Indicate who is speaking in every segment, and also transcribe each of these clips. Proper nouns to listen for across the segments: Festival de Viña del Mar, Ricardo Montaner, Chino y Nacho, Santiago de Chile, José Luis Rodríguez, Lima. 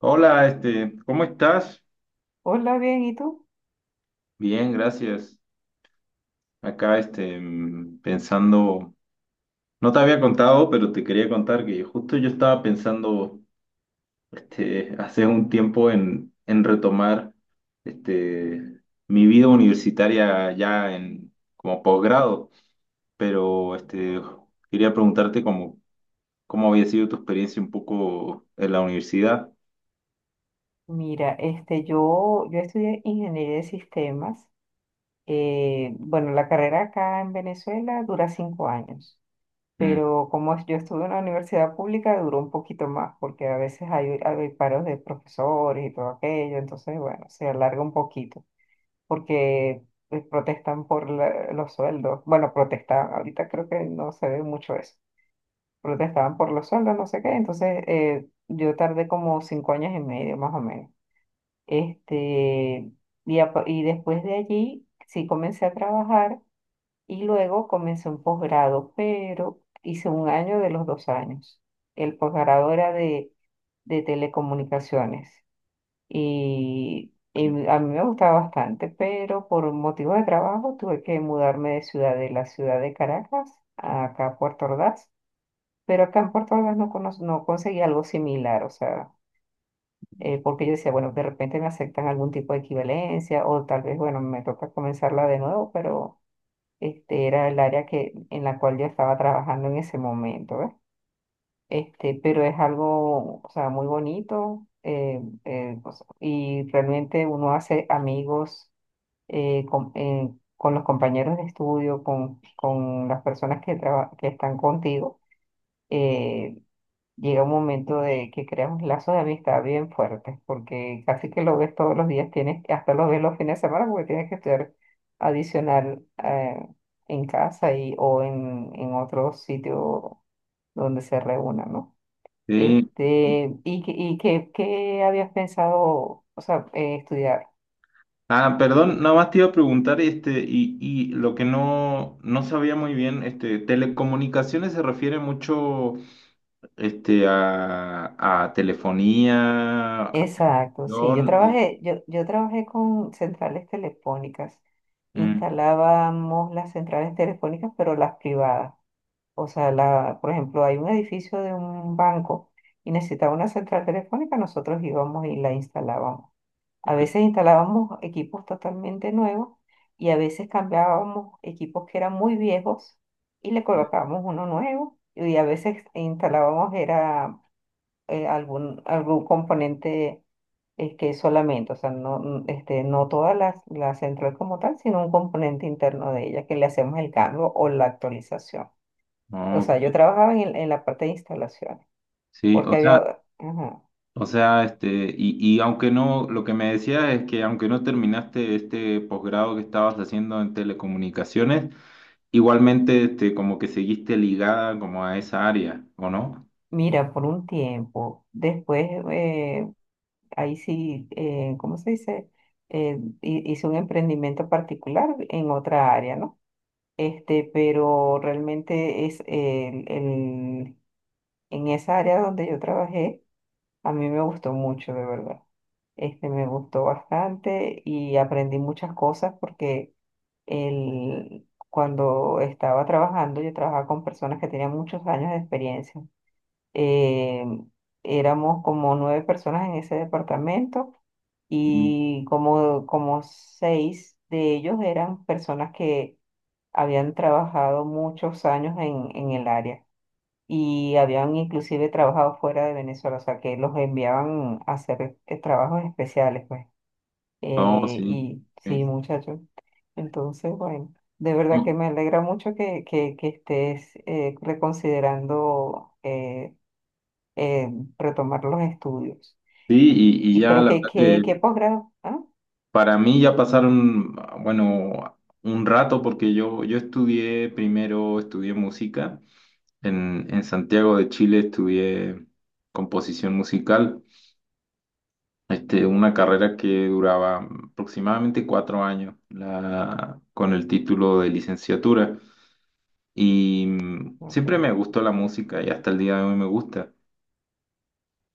Speaker 1: Hola, ¿cómo estás?
Speaker 2: Hola, bien, ¿y tú?
Speaker 1: Bien, gracias. Acá, pensando, no te había contado, pero te quería contar que justo yo estaba pensando, hace un tiempo en retomar, este, mi vida universitaria ya en, como posgrado, pero, quería preguntarte cómo, cómo había sido tu experiencia un poco en la universidad.
Speaker 2: Mira, este, yo estudié ingeniería de sistemas. Bueno, la carrera acá en Venezuela dura 5 años,
Speaker 1: Mm.
Speaker 2: pero yo estuve en la universidad pública duró un poquito más, porque a veces hay paros de profesores y todo aquello, entonces, bueno, se alarga un poquito, porque protestan por los sueldos. Bueno, protestaban, ahorita creo que no se ve mucho eso. Protestaban por los sueldos, no sé qué, entonces yo tardé como 5 años y medio más o menos. Este, y después de allí sí comencé a trabajar y luego comencé un posgrado, pero hice un año de los 2 años. El posgrado era de telecomunicaciones y a mí me gustaba bastante, pero por motivos de trabajo tuve que mudarme de ciudad, de la ciudad de Caracas a acá a Puerto Ordaz, pero acá en Puerto Ordaz no, cono no conseguí algo similar, o sea porque yo decía, bueno, de repente me aceptan algún tipo de equivalencia o tal vez, bueno, me toca comenzarla de nuevo, pero este era el área que, en la cual yo estaba trabajando en ese momento, ¿ves? Este, pero es algo, o sea, muy bonito o sea, y realmente uno hace amigos eh, con, eh, con los compañeros de estudio, con las personas que, que están contigo. eh, Llega un momento de que creamos lazos de amistad bien fuertes, porque casi que lo ves todos los días, tienes, hasta lo ves los fines de semana porque tienes que estudiar adicional en casa y, o en otro sitio donde se reúnan, ¿no?
Speaker 1: Sí.
Speaker 2: Este, ¿y qué habías pensado, o sea, estudiar?
Speaker 1: Ah, perdón, nada más te iba a preguntar, y lo que no, no sabía muy bien, telecomunicaciones se refiere mucho, este, a, a telefonía, a
Speaker 2: Exacto, sí, yo
Speaker 1: atención, o-
Speaker 2: trabajé, yo, yo trabajé con centrales telefónicas,
Speaker 1: mm,
Speaker 2: instalábamos las centrales telefónicas, pero las privadas. O sea, la, por ejemplo, hay un edificio de un banco y necesitaba una central telefónica, nosotros íbamos y la instalábamos. A
Speaker 1: ok,
Speaker 2: veces instalábamos equipos totalmente nuevos y a veces cambiábamos equipos que eran muy viejos y le colocábamos uno nuevo y a veces instalábamos era algún componente que solamente, o sea, no, este, no toda la central como tal, sino un componente interno de ella que le hacemos el cambio o la actualización. O sea, yo
Speaker 1: ok,
Speaker 2: trabajaba en, en la parte de instalaciones,
Speaker 1: sí,
Speaker 2: porque había, ajá,
Speaker 1: o sea, y aunque no, lo que me decías es que aunque no terminaste este posgrado que estabas haciendo en telecomunicaciones, igualmente, como que seguiste ligada como a esa área, ¿o no?
Speaker 2: mira, por un tiempo, después, ahí sí, ¿cómo se dice? Hice un emprendimiento particular en otra área, ¿no? Este, pero realmente es en esa área donde yo trabajé. A mí me gustó mucho, de verdad. Este me gustó bastante y aprendí muchas cosas porque cuando estaba trabajando, yo trabajaba con personas que tenían muchos años de experiencia. Eh, Éramos como nueve personas en ese departamento y como, como seis de ellos eran personas que habían trabajado muchos años en el área y habían inclusive trabajado fuera de Venezuela, o sea, que los enviaban a hacer trabajos especiales, pues.
Speaker 1: Oh, sí,
Speaker 2: Y sí,
Speaker 1: sí.
Speaker 2: muchachos. Entonces, bueno, de verdad que
Speaker 1: No,
Speaker 2: me alegra mucho que estés reconsiderando eh, retomar los estudios.
Speaker 1: sí, y
Speaker 2: Y,
Speaker 1: ya
Speaker 2: pero
Speaker 1: la
Speaker 2: ¿qué,
Speaker 1: verdad
Speaker 2: qué, qué
Speaker 1: que
Speaker 2: posgrado? Ah,
Speaker 1: para mí ya pasaron, bueno, un rato porque yo estudié primero, estudié música. En Santiago de Chile estudié composición musical, una carrera que duraba aproximadamente 4 años la, con el título de licenciatura. Y
Speaker 2: ok,
Speaker 1: siempre me gustó la música y hasta el día de hoy me gusta.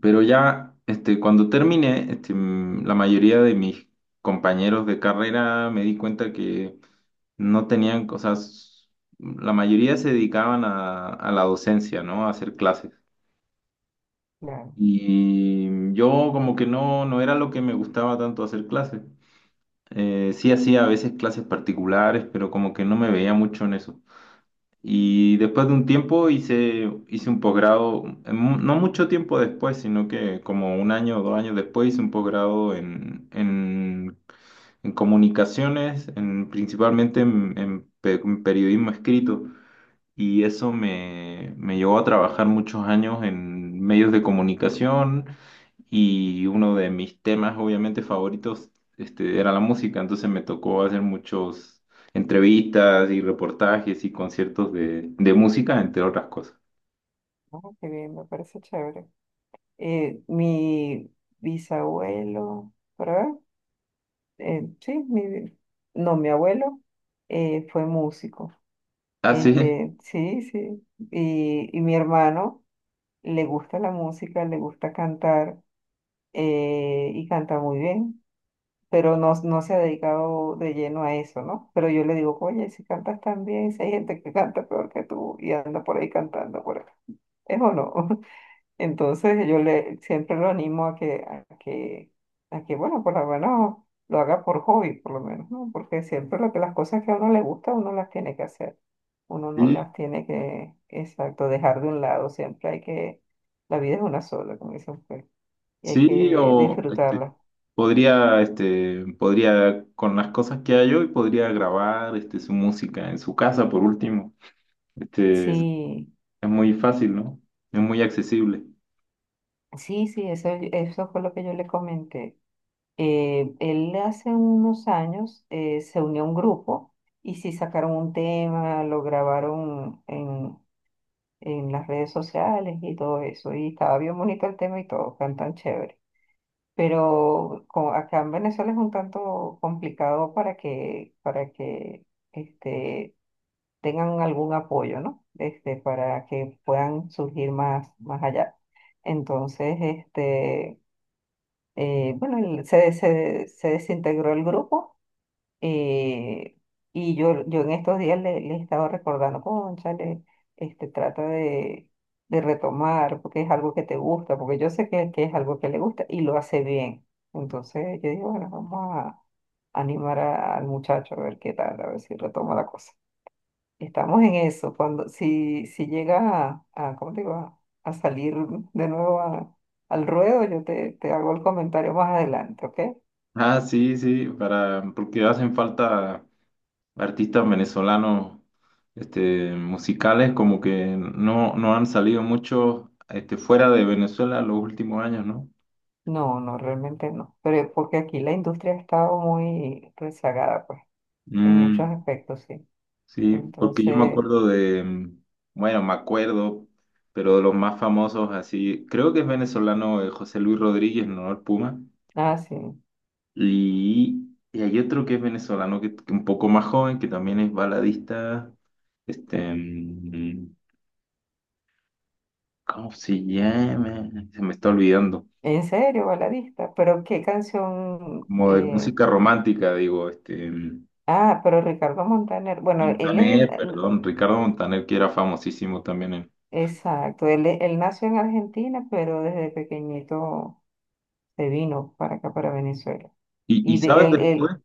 Speaker 1: Pero ya, cuando terminé, la mayoría de mis compañeros de carrera me di cuenta que no tenían cosas, la mayoría se dedicaban a la docencia, ¿no? A hacer clases.
Speaker 2: claro.
Speaker 1: Y yo como que no, no era lo que me gustaba tanto hacer clases. Sí hacía a veces clases particulares, pero como que no me veía mucho en eso. Y después de un tiempo hice un posgrado, en mu- no mucho tiempo después, sino que como un año o dos años después hice un posgrado en comunicaciones, principalmente en pe- en periodismo escrito y eso me, me llevó a trabajar muchos años en medios de comunicación y uno de mis temas obviamente favoritos era la música, entonces me tocó hacer muchos entrevistas y reportajes y conciertos de música, entre otras cosas.
Speaker 2: Ah, qué bien, me parece chévere. Mi bisabuelo, ¿verdad? Sí, mi, no, mi abuelo fue músico.
Speaker 1: Ah, sí,
Speaker 2: Este, sí, sí. Y mi hermano le gusta la música, le gusta cantar y canta muy bien, pero no, no se ha dedicado de lleno a eso, ¿no? Pero yo le digo, oye, si cantas tan bien, si hay gente que canta peor que tú y anda por ahí cantando por acá. ¿Es o no? Entonces yo le siempre lo animo a que, bueno, por lo menos lo haga por hobby, por lo menos, ¿no? Porque siempre lo que las cosas que a uno le gusta, uno las tiene que hacer. Uno no
Speaker 1: sí,
Speaker 2: las tiene que, exacto, dejar de un lado. Siempre la vida es una sola, como dicen ustedes, y hay
Speaker 1: sí,
Speaker 2: que
Speaker 1: o
Speaker 2: disfrutarla.
Speaker 1: podría, podría, con las cosas que hay hoy, podría grabar su música en su casa por último. Es
Speaker 2: Sí,
Speaker 1: muy fácil, ¿no? Es muy accesible.
Speaker 2: sí, sí, eso fue lo que yo le comenté. Él hace unos años se unió a un grupo y sí sacaron un tema, lo grabaron en las redes sociales y todo eso. Y estaba bien bonito el tema y todo, cantan chévere. Pero acá en Venezuela es un tanto complicado para que este, tengan algún apoyo, ¿no? Este, para que puedan surgir más, más allá. Entonces, este, bueno, se desintegró el grupo eh, y yo en estos días le estaba recordando, cónchale, este, trata de retomar porque es algo que te gusta, porque yo sé que es algo que le gusta y lo hace bien. Entonces yo digo, bueno, vamos a animar al muchacho a ver qué tal, a ver si retoma la cosa. Estamos en eso, cuando, si llega ¿cómo te digo? A salir de nuevo al ruedo, yo te hago el comentario más adelante, ¿ok?
Speaker 1: Ah, sí, sí, para, porque hacen falta artistas venezolanos, musicales, como que no, no han salido muchos, fuera de Venezuela los últimos años, ¿no?
Speaker 2: No, no, realmente no. Pero porque aquí la industria ha estado muy rezagada, pues, en muchos
Speaker 1: Mm,
Speaker 2: aspectos, sí.
Speaker 1: sí, porque yo me
Speaker 2: Entonces,
Speaker 1: acuerdo de, bueno, me acuerdo, pero de los más famosos así, creo que es venezolano José Luis Rodríguez, ¿no? El Puma.
Speaker 2: ah, sí.
Speaker 1: Y, y hay otro que es venezolano, que un poco más joven, que también es baladista, este... mm, ¿cómo se llama? Se me está olvidando.
Speaker 2: En serio, baladista. Pero qué canción.
Speaker 1: Como de música romántica, digo,
Speaker 2: Ah, pero Ricardo Montaner. Bueno, él es.
Speaker 1: Montaner, perdón, Ricardo Montaner, que era famosísimo también. En-
Speaker 2: Exacto, él, él nació en Argentina, pero desde pequeñito se vino para acá, para Venezuela.
Speaker 1: y
Speaker 2: Y de
Speaker 1: sabes
Speaker 2: él,
Speaker 1: después,
Speaker 2: él.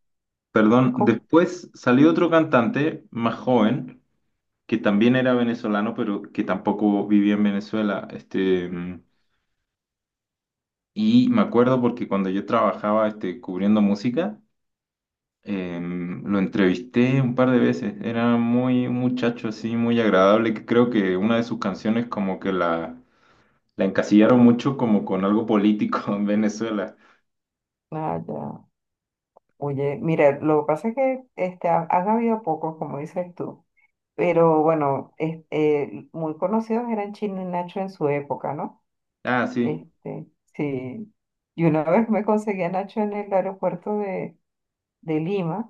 Speaker 1: perdón,
Speaker 2: ¿Cómo?
Speaker 1: después salió otro cantante más joven, que también era venezolano, pero que tampoco vivía en Venezuela. Y me acuerdo porque cuando yo trabajaba, cubriendo música, lo entrevisté un par de veces, era muy un muchacho así, muy agradable, que creo que una de sus canciones como que la encasillaron mucho como con algo político en Venezuela.
Speaker 2: Ah, ya. Oye, mira, lo que pasa es que este, han habido pocos, como dices tú. Pero bueno, muy conocidos eran Chino y Nacho en su época, ¿no?
Speaker 1: Ah, sí,
Speaker 2: Este, sí. Y una vez me conseguí a Nacho en el aeropuerto de Lima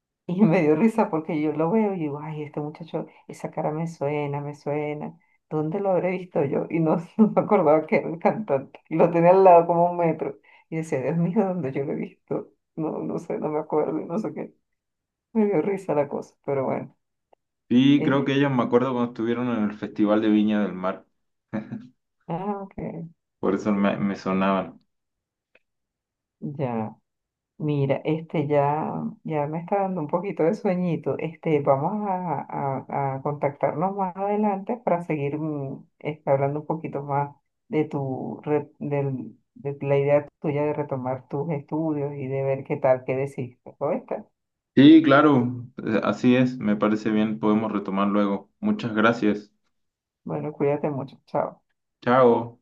Speaker 2: y me dio risa porque yo lo veo y digo, ay, este muchacho, esa cara me suena, me suena. ¿Dónde lo habré visto yo? Y no, no me acordaba que era el cantante. Y lo tenía al lado como 1 metro. Y decía, Dios mío, ¿dónde yo lo he visto? No, no sé, no me acuerdo y no sé qué. Me dio risa la cosa, pero bueno.
Speaker 1: sí, creo
Speaker 2: es-
Speaker 1: que ellos me acuerdo cuando estuvieron en el Festival de Viña del Mar,
Speaker 2: ah, ok,
Speaker 1: por eso me, me sonaban.
Speaker 2: ya. Mira, este ya, ya me está dando un poquito de sueñito. Este, vamos a contactarnos más adelante para seguir este, hablando un poquito más de tu re- del- de la idea tuya de retomar tus estudios y de ver qué tal, qué decidiste. ¿Oíste?
Speaker 1: Sí, claro, así es, me parece bien, podemos retomar luego. Muchas gracias.
Speaker 2: Bueno, cuídate mucho. Chao.
Speaker 1: Chao.